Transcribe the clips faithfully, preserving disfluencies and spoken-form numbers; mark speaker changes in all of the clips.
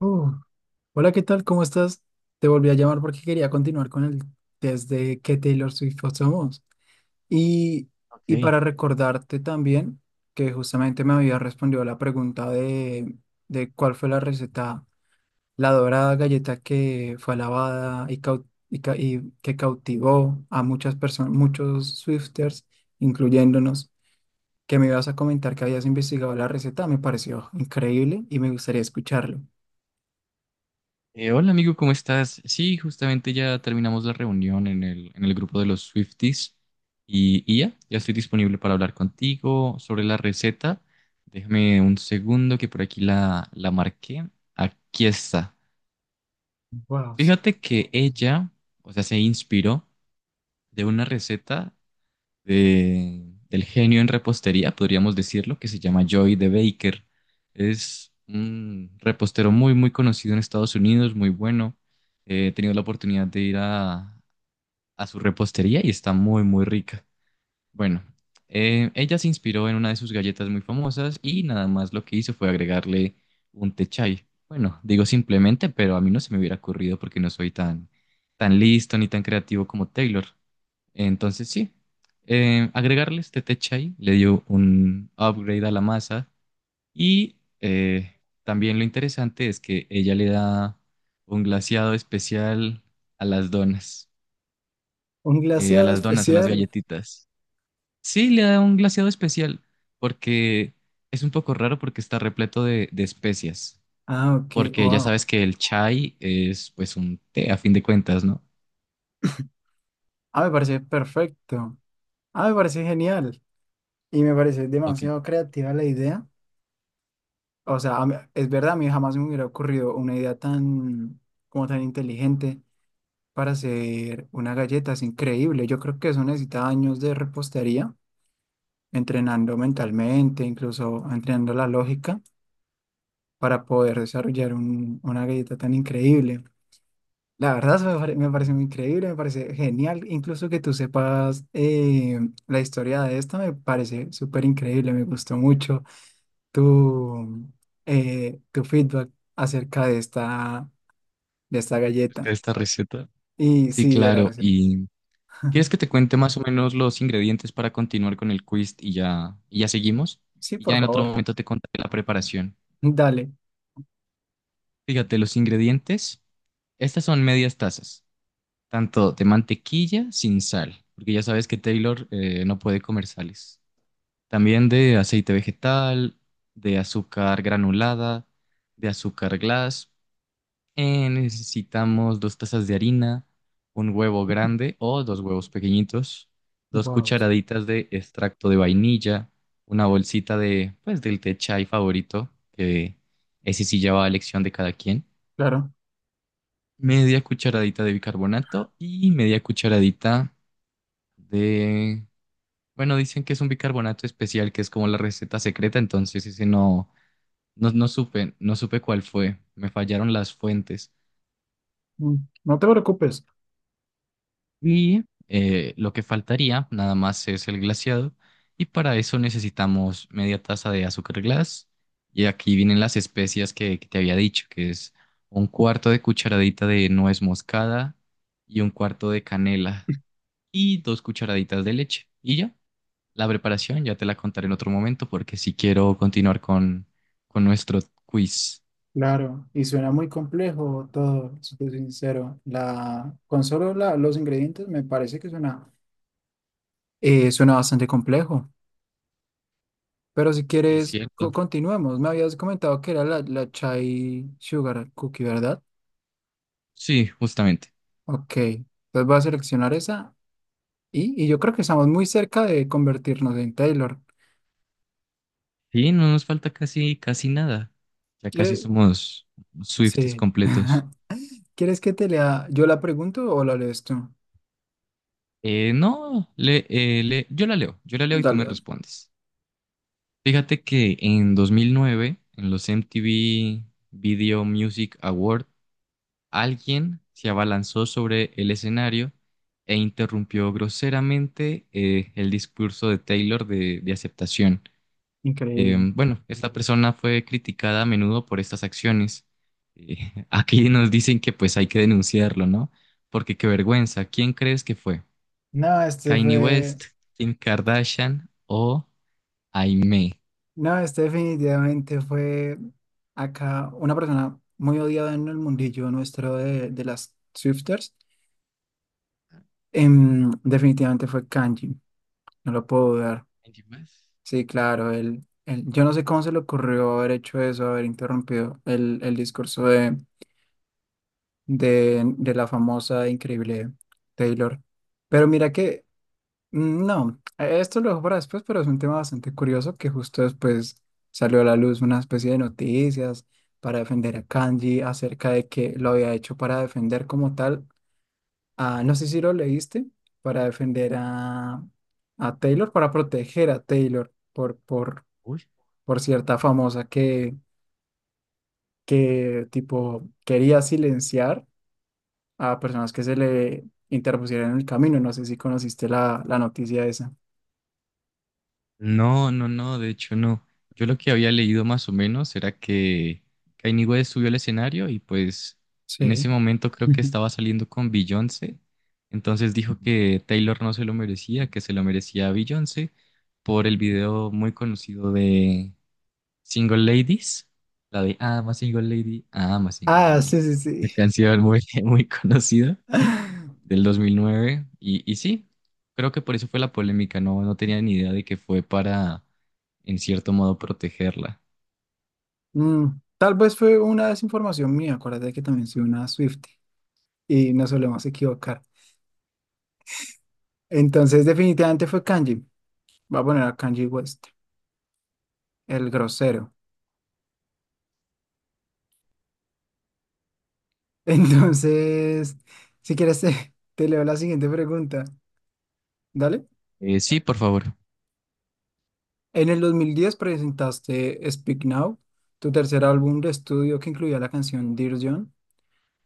Speaker 1: Uh, Hola, ¿qué tal? ¿Cómo estás? Te volví a llamar porque quería continuar con el test de qué Taylor Swift somos. Y, y
Speaker 2: Ok.
Speaker 1: para recordarte también que justamente me había respondido a la pregunta de, de cuál fue la receta, la dorada galleta que fue alabada y, cau- y ca- y que cautivó a muchas personas, muchos Swifters, incluyéndonos, que me ibas a comentar que habías investigado la receta. Me pareció increíble y me gustaría escucharlo.
Speaker 2: Eh, hola amigo, ¿cómo estás? Sí, justamente ya terminamos la reunión en el, en el grupo de los Swifties y, y ya, ya estoy disponible para hablar contigo sobre la receta. Déjame un segundo que por aquí la, la marqué. Aquí está.
Speaker 1: Wow.
Speaker 2: Fíjate que ella, o sea, se inspiró de una receta de- del genio en repostería, podríamos decirlo, que se llama Joy de Baker. Es un repostero muy, muy conocido en Estados Unidos, muy bueno. Eh, He tenido la oportunidad de ir a, a su repostería y está muy, muy rica. Bueno, eh, ella se inspiró en una de sus galletas muy famosas y nada más lo que hizo fue agregarle un té chai. Bueno, digo simplemente, pero a mí no se me hubiera ocurrido porque no soy tan, tan listo ni tan creativo como Taylor. Entonces, sí, eh, agregarle este té chai le dio un upgrade a la masa y eh, también lo interesante es que ella le da un glaseado especial a las donas,
Speaker 1: Un
Speaker 2: eh, a
Speaker 1: glaseado
Speaker 2: las donas, a las
Speaker 1: especial.
Speaker 2: galletitas. Sí, le da un glaseado especial porque es un poco raro porque está repleto de, de especias,
Speaker 1: Ah, ok,
Speaker 2: porque ya
Speaker 1: wow.
Speaker 2: sabes que el chai es pues un té a fin de cuentas, ¿no?
Speaker 1: Ah, me parece perfecto. Ah, me parece genial. Y me parece
Speaker 2: Ok,
Speaker 1: demasiado creativa la idea. O sea, a mí- es verdad, a mí jamás me hubiera ocurrido una idea tan, como tan inteligente para hacer una galleta. Es increíble. Yo creo que eso necesita años de repostería, entrenando mentalmente, incluso entrenando la lógica para poder desarrollar un- una galleta tan increíble. La verdad me pare- me parece muy increíble, me parece genial, incluso que tú sepas eh, la historia de esta me parece súper increíble, me gustó mucho tu, eh, tu feedback acerca de esta, de esta
Speaker 2: es que
Speaker 1: galleta
Speaker 2: esta receta.
Speaker 1: y
Speaker 2: Sí,
Speaker 1: sí, de la
Speaker 2: claro,
Speaker 1: receta.
Speaker 2: y ¿Quieres que te cuente más o menos los ingredientes para continuar con el quiz y ya, y ya seguimos?
Speaker 1: Sí,
Speaker 2: Y ya
Speaker 1: por
Speaker 2: en otro
Speaker 1: favor,
Speaker 2: momento te contaré la preparación.
Speaker 1: dale.
Speaker 2: Fíjate, los ingredientes, estas son medias tazas, tanto de mantequilla sin sal, porque ya sabes que Taylor eh, no puede comer sales. También de aceite vegetal, de azúcar granulada, de azúcar glass. Eh, necesitamos dos tazas de harina, un huevo grande o dos huevos pequeñitos, dos
Speaker 1: Wow,
Speaker 2: cucharaditas de extracto de vainilla, una bolsita de, pues, del té chai favorito, que ese sí ya va a elección de cada quien,
Speaker 1: claro.
Speaker 2: media cucharadita de bicarbonato y media cucharadita de, bueno, dicen que es un bicarbonato especial, que es como la receta secreta, entonces ese no, no, no supe, no supe cuál fue, me fallaron las fuentes.
Speaker 1: Mm, no te preocupes.
Speaker 2: Y eh, lo que faltaría nada más es el glaseado. Y para eso necesitamos media taza de azúcar glass. Y aquí vienen las especias que, que te había dicho, que es un cuarto de cucharadita de nuez moscada y un cuarto de canela y dos cucharaditas de leche. Y ya, la preparación ya te la contaré en otro momento porque si quiero continuar con, con nuestro quiz.
Speaker 1: Claro, y suena muy complejo todo, si te soy sincero. La, con solo la- los ingredientes me parece que suena, eh, suena bastante complejo. Pero si
Speaker 2: Sí,
Speaker 1: quieres, co-
Speaker 2: cierto.
Speaker 1: continuemos. Me habías comentado que era la, la Chai Sugar Cookie, ¿verdad?
Speaker 2: Sí, justamente.
Speaker 1: Ok, entonces voy a seleccionar esa y, y yo creo que estamos muy cerca de convertirnos en Taylor.
Speaker 2: Sí, no nos falta casi, casi nada. Ya casi
Speaker 1: ¿Quieres?
Speaker 2: somos Swifties
Speaker 1: Sí.
Speaker 2: completos.
Speaker 1: ¿Quieres que te lea? ¿Yo la pregunto o la lees tú?
Speaker 2: Eh, no, le, eh, le- yo la leo, yo la leo y tú
Speaker 1: Dale,
Speaker 2: me
Speaker 1: dale.
Speaker 2: respondes. Fíjate que en dos mil nueve, en los M T V Video Music Award, alguien se abalanzó sobre el escenario e interrumpió groseramente eh, el discurso de Taylor de, de aceptación. Eh,
Speaker 1: Increíble.
Speaker 2: bueno, esta persona fue criticada a menudo por estas acciones. Eh, aquí nos dicen que pues hay que denunciarlo, ¿no? Porque qué vergüenza. ¿Quién crees que fue?
Speaker 1: No, este
Speaker 2: ¿Kanye
Speaker 1: fue,
Speaker 2: West, Kim Kardashian o Aimee?
Speaker 1: no, este definitivamente fue acá una persona muy odiada en el mundillo nuestro de, de las Swifters. Em, definitivamente fue Kanji. No lo puedo dudar.
Speaker 2: Kanye West.
Speaker 1: Sí, claro, él, él- yo no sé cómo se le ocurrió haber hecho eso, haber interrumpido el, el discurso de, de, de la famosa e increíble Taylor. Pero mira que, mm, no, e, esto lo dejo para después, pero es un tema bastante curioso que justo después salió a la luz una especie de noticias para defender a Kanji acerca de que lo había hecho para defender como tal a, no sé si lo leíste, para defender a, a Taylor, para proteger a Taylor. Por, por
Speaker 2: Uy.
Speaker 1: por cierta famosa que, que tipo quería silenciar a personas que se le interpusieran en el camino. No sé si conociste la, la noticia esa.
Speaker 2: No, no, no, de hecho no. Yo lo que había leído más o menos era que Kanye West subió al escenario y pues en
Speaker 1: Sí.
Speaker 2: ese momento creo que estaba saliendo con Beyoncé, entonces dijo que Taylor no se lo merecía, que se lo merecía a Beyoncé por el video muy conocido de Single Ladies, la de I'm a Single Lady, I'm a Single
Speaker 1: Ah,
Speaker 2: Lady,
Speaker 1: sí, sí,
Speaker 2: la
Speaker 1: sí.
Speaker 2: canción muy, muy conocida del dos mil nueve. Y, y sí, creo que por eso fue la polémica, no, no tenía ni idea de que fue para, en cierto modo, protegerla.
Speaker 1: Mm, tal vez fue una desinformación mía. Acuérdate que también soy una Swiftie y nos solemos equivocar. Entonces, definitivamente fue Kanji. Va a poner a Kanji West, el grosero. Entonces, si quieres, te, te leo la siguiente pregunta. Dale.
Speaker 2: Eh, sí, por favor.
Speaker 1: En el dos mil diez presentaste Speak Now, tu tercer álbum de estudio que incluía la canción Dear John,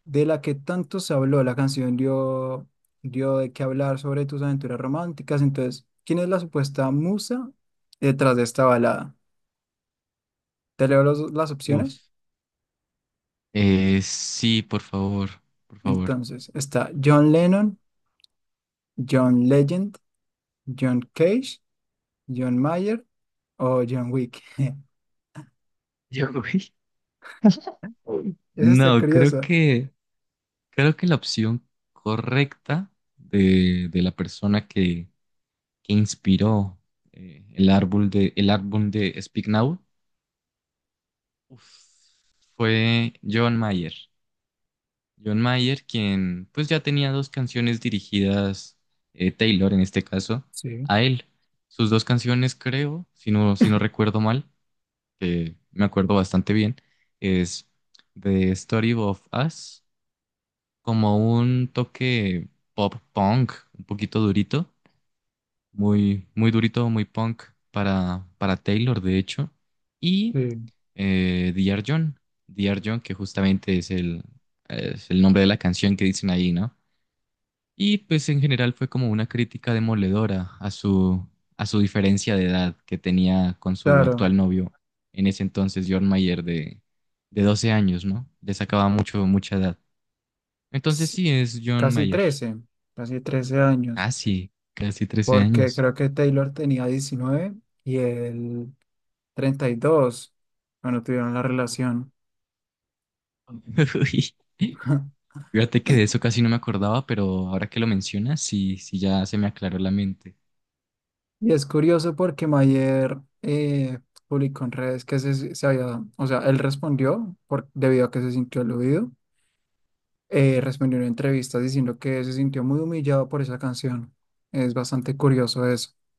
Speaker 1: de la que tanto se habló. La canción dio, dio de qué hablar sobre tus aventuras románticas. Entonces, ¿quién es la supuesta musa detrás de esta balada? Te leo los- las opciones.
Speaker 2: Uf. Eh, sí, por favor, por favor.
Speaker 1: Entonces, está John Lennon, John Legend, John Cage, John Mayer o John Wick.
Speaker 2: Yo, güey.
Speaker 1: Esa está
Speaker 2: No, creo
Speaker 1: curiosa.
Speaker 2: que, creo que la opción correcta de, de la persona que que inspiró eh, el árbol de, el álbum de Speak Now uf, fue John Mayer. John Mayer, quien pues ya tenía dos canciones dirigidas, eh, Taylor en este caso,
Speaker 1: Sí,
Speaker 2: a él. Sus dos canciones, creo, si no, si no recuerdo mal, que me acuerdo bastante bien, es The Story of Us, como un toque pop punk, un poquito durito. Muy, muy durito, muy punk para, para Taylor, de hecho. Y
Speaker 1: sí.
Speaker 2: eh, D R. John. D R. John, que justamente es el, es el, nombre de la canción que dicen ahí, ¿no? Y pues en general fue como una crítica demoledora a su, a su diferencia de edad que tenía con su
Speaker 1: Claro.
Speaker 2: actual novio, en ese entonces, John Mayer, de, de doce años, ¿no? Le sacaba mucho, mucha edad. Entonces sí, es John
Speaker 1: Casi
Speaker 2: Mayer.
Speaker 1: trece, casi trece años,
Speaker 2: Casi, casi trece
Speaker 1: porque
Speaker 2: años.
Speaker 1: creo que Taylor tenía diecinueve y él treinta y dos cuando tuvieron la relación.
Speaker 2: Uy. Fíjate que de eso casi no me acordaba, pero ahora que lo mencionas, sí, sí ya se me aclaró la mente.
Speaker 1: Y es curioso porque Mayer eh, publicó en redes que se, se había, o sea, él respondió por, debido a que se sintió aludido, eh, respondió en entrevistas diciendo que se sintió muy humillado por esa canción. Es bastante curioso eso.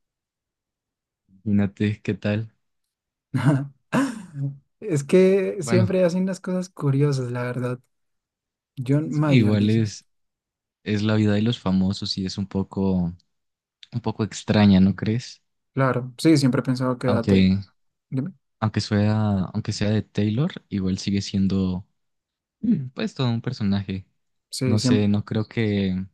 Speaker 2: Imagínate qué tal.
Speaker 1: Es que
Speaker 2: Bueno,
Speaker 1: siempre hacen las cosas curiosas, la verdad. John
Speaker 2: sí,
Speaker 1: Mayer,
Speaker 2: igual
Speaker 1: dices.
Speaker 2: es, es la vida de los famosos y es un poco, un poco extraña, ¿no crees?
Speaker 1: Claro, sí, siempre he pensado que date.
Speaker 2: Aunque,
Speaker 1: Dime.
Speaker 2: aunque sea, aunque sea de Taylor, igual sigue siendo, mm, pues, todo un personaje.
Speaker 1: Sí,
Speaker 2: No
Speaker 1: siempre.
Speaker 2: sé, no creo que,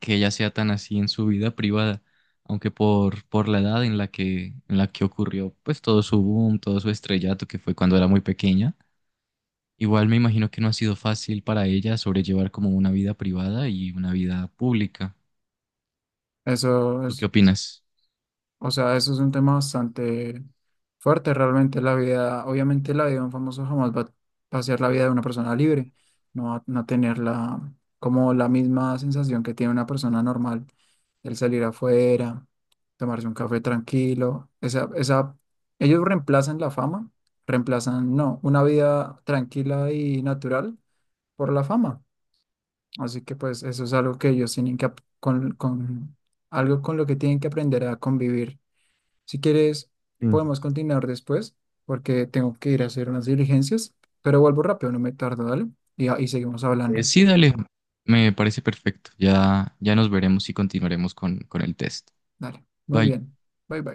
Speaker 2: que ella sea tan así en su vida privada, aunque por, por la edad en la que, en la que ocurrió, pues, todo su boom, todo su estrellato, que fue cuando era muy pequeña. Igual me imagino que no ha sido fácil para ella sobrellevar como una vida privada y una vida pública.
Speaker 1: Eso
Speaker 2: ¿Tú qué
Speaker 1: es,
Speaker 2: opinas?
Speaker 1: o sea, eso es un tema bastante fuerte realmente. La vida, obviamente la vida de un famoso jamás va, va a ser la vida de una persona libre. No va no va a tener la, como la misma sensación que tiene una persona normal. El salir afuera, tomarse un café tranquilo. Esa, esa, ellos reemplazan la fama, reemplazan, no, una vida tranquila y natural por la fama. Así que pues eso es algo que ellos tienen que, ap- con, con, algo con lo que tienen que aprender a convivir. Si quieres,
Speaker 2: Sí.
Speaker 1: podemos continuar después porque tengo que ir a hacer unas diligencias, pero vuelvo rápido, no me tardo, dale. Y, ah, y seguimos
Speaker 2: Eh,
Speaker 1: hablando.
Speaker 2: sí, dale, me parece perfecto. Ya, ya nos veremos y continuaremos con, con el test.
Speaker 1: Dale, muy
Speaker 2: Bye.
Speaker 1: bien. Bye bye.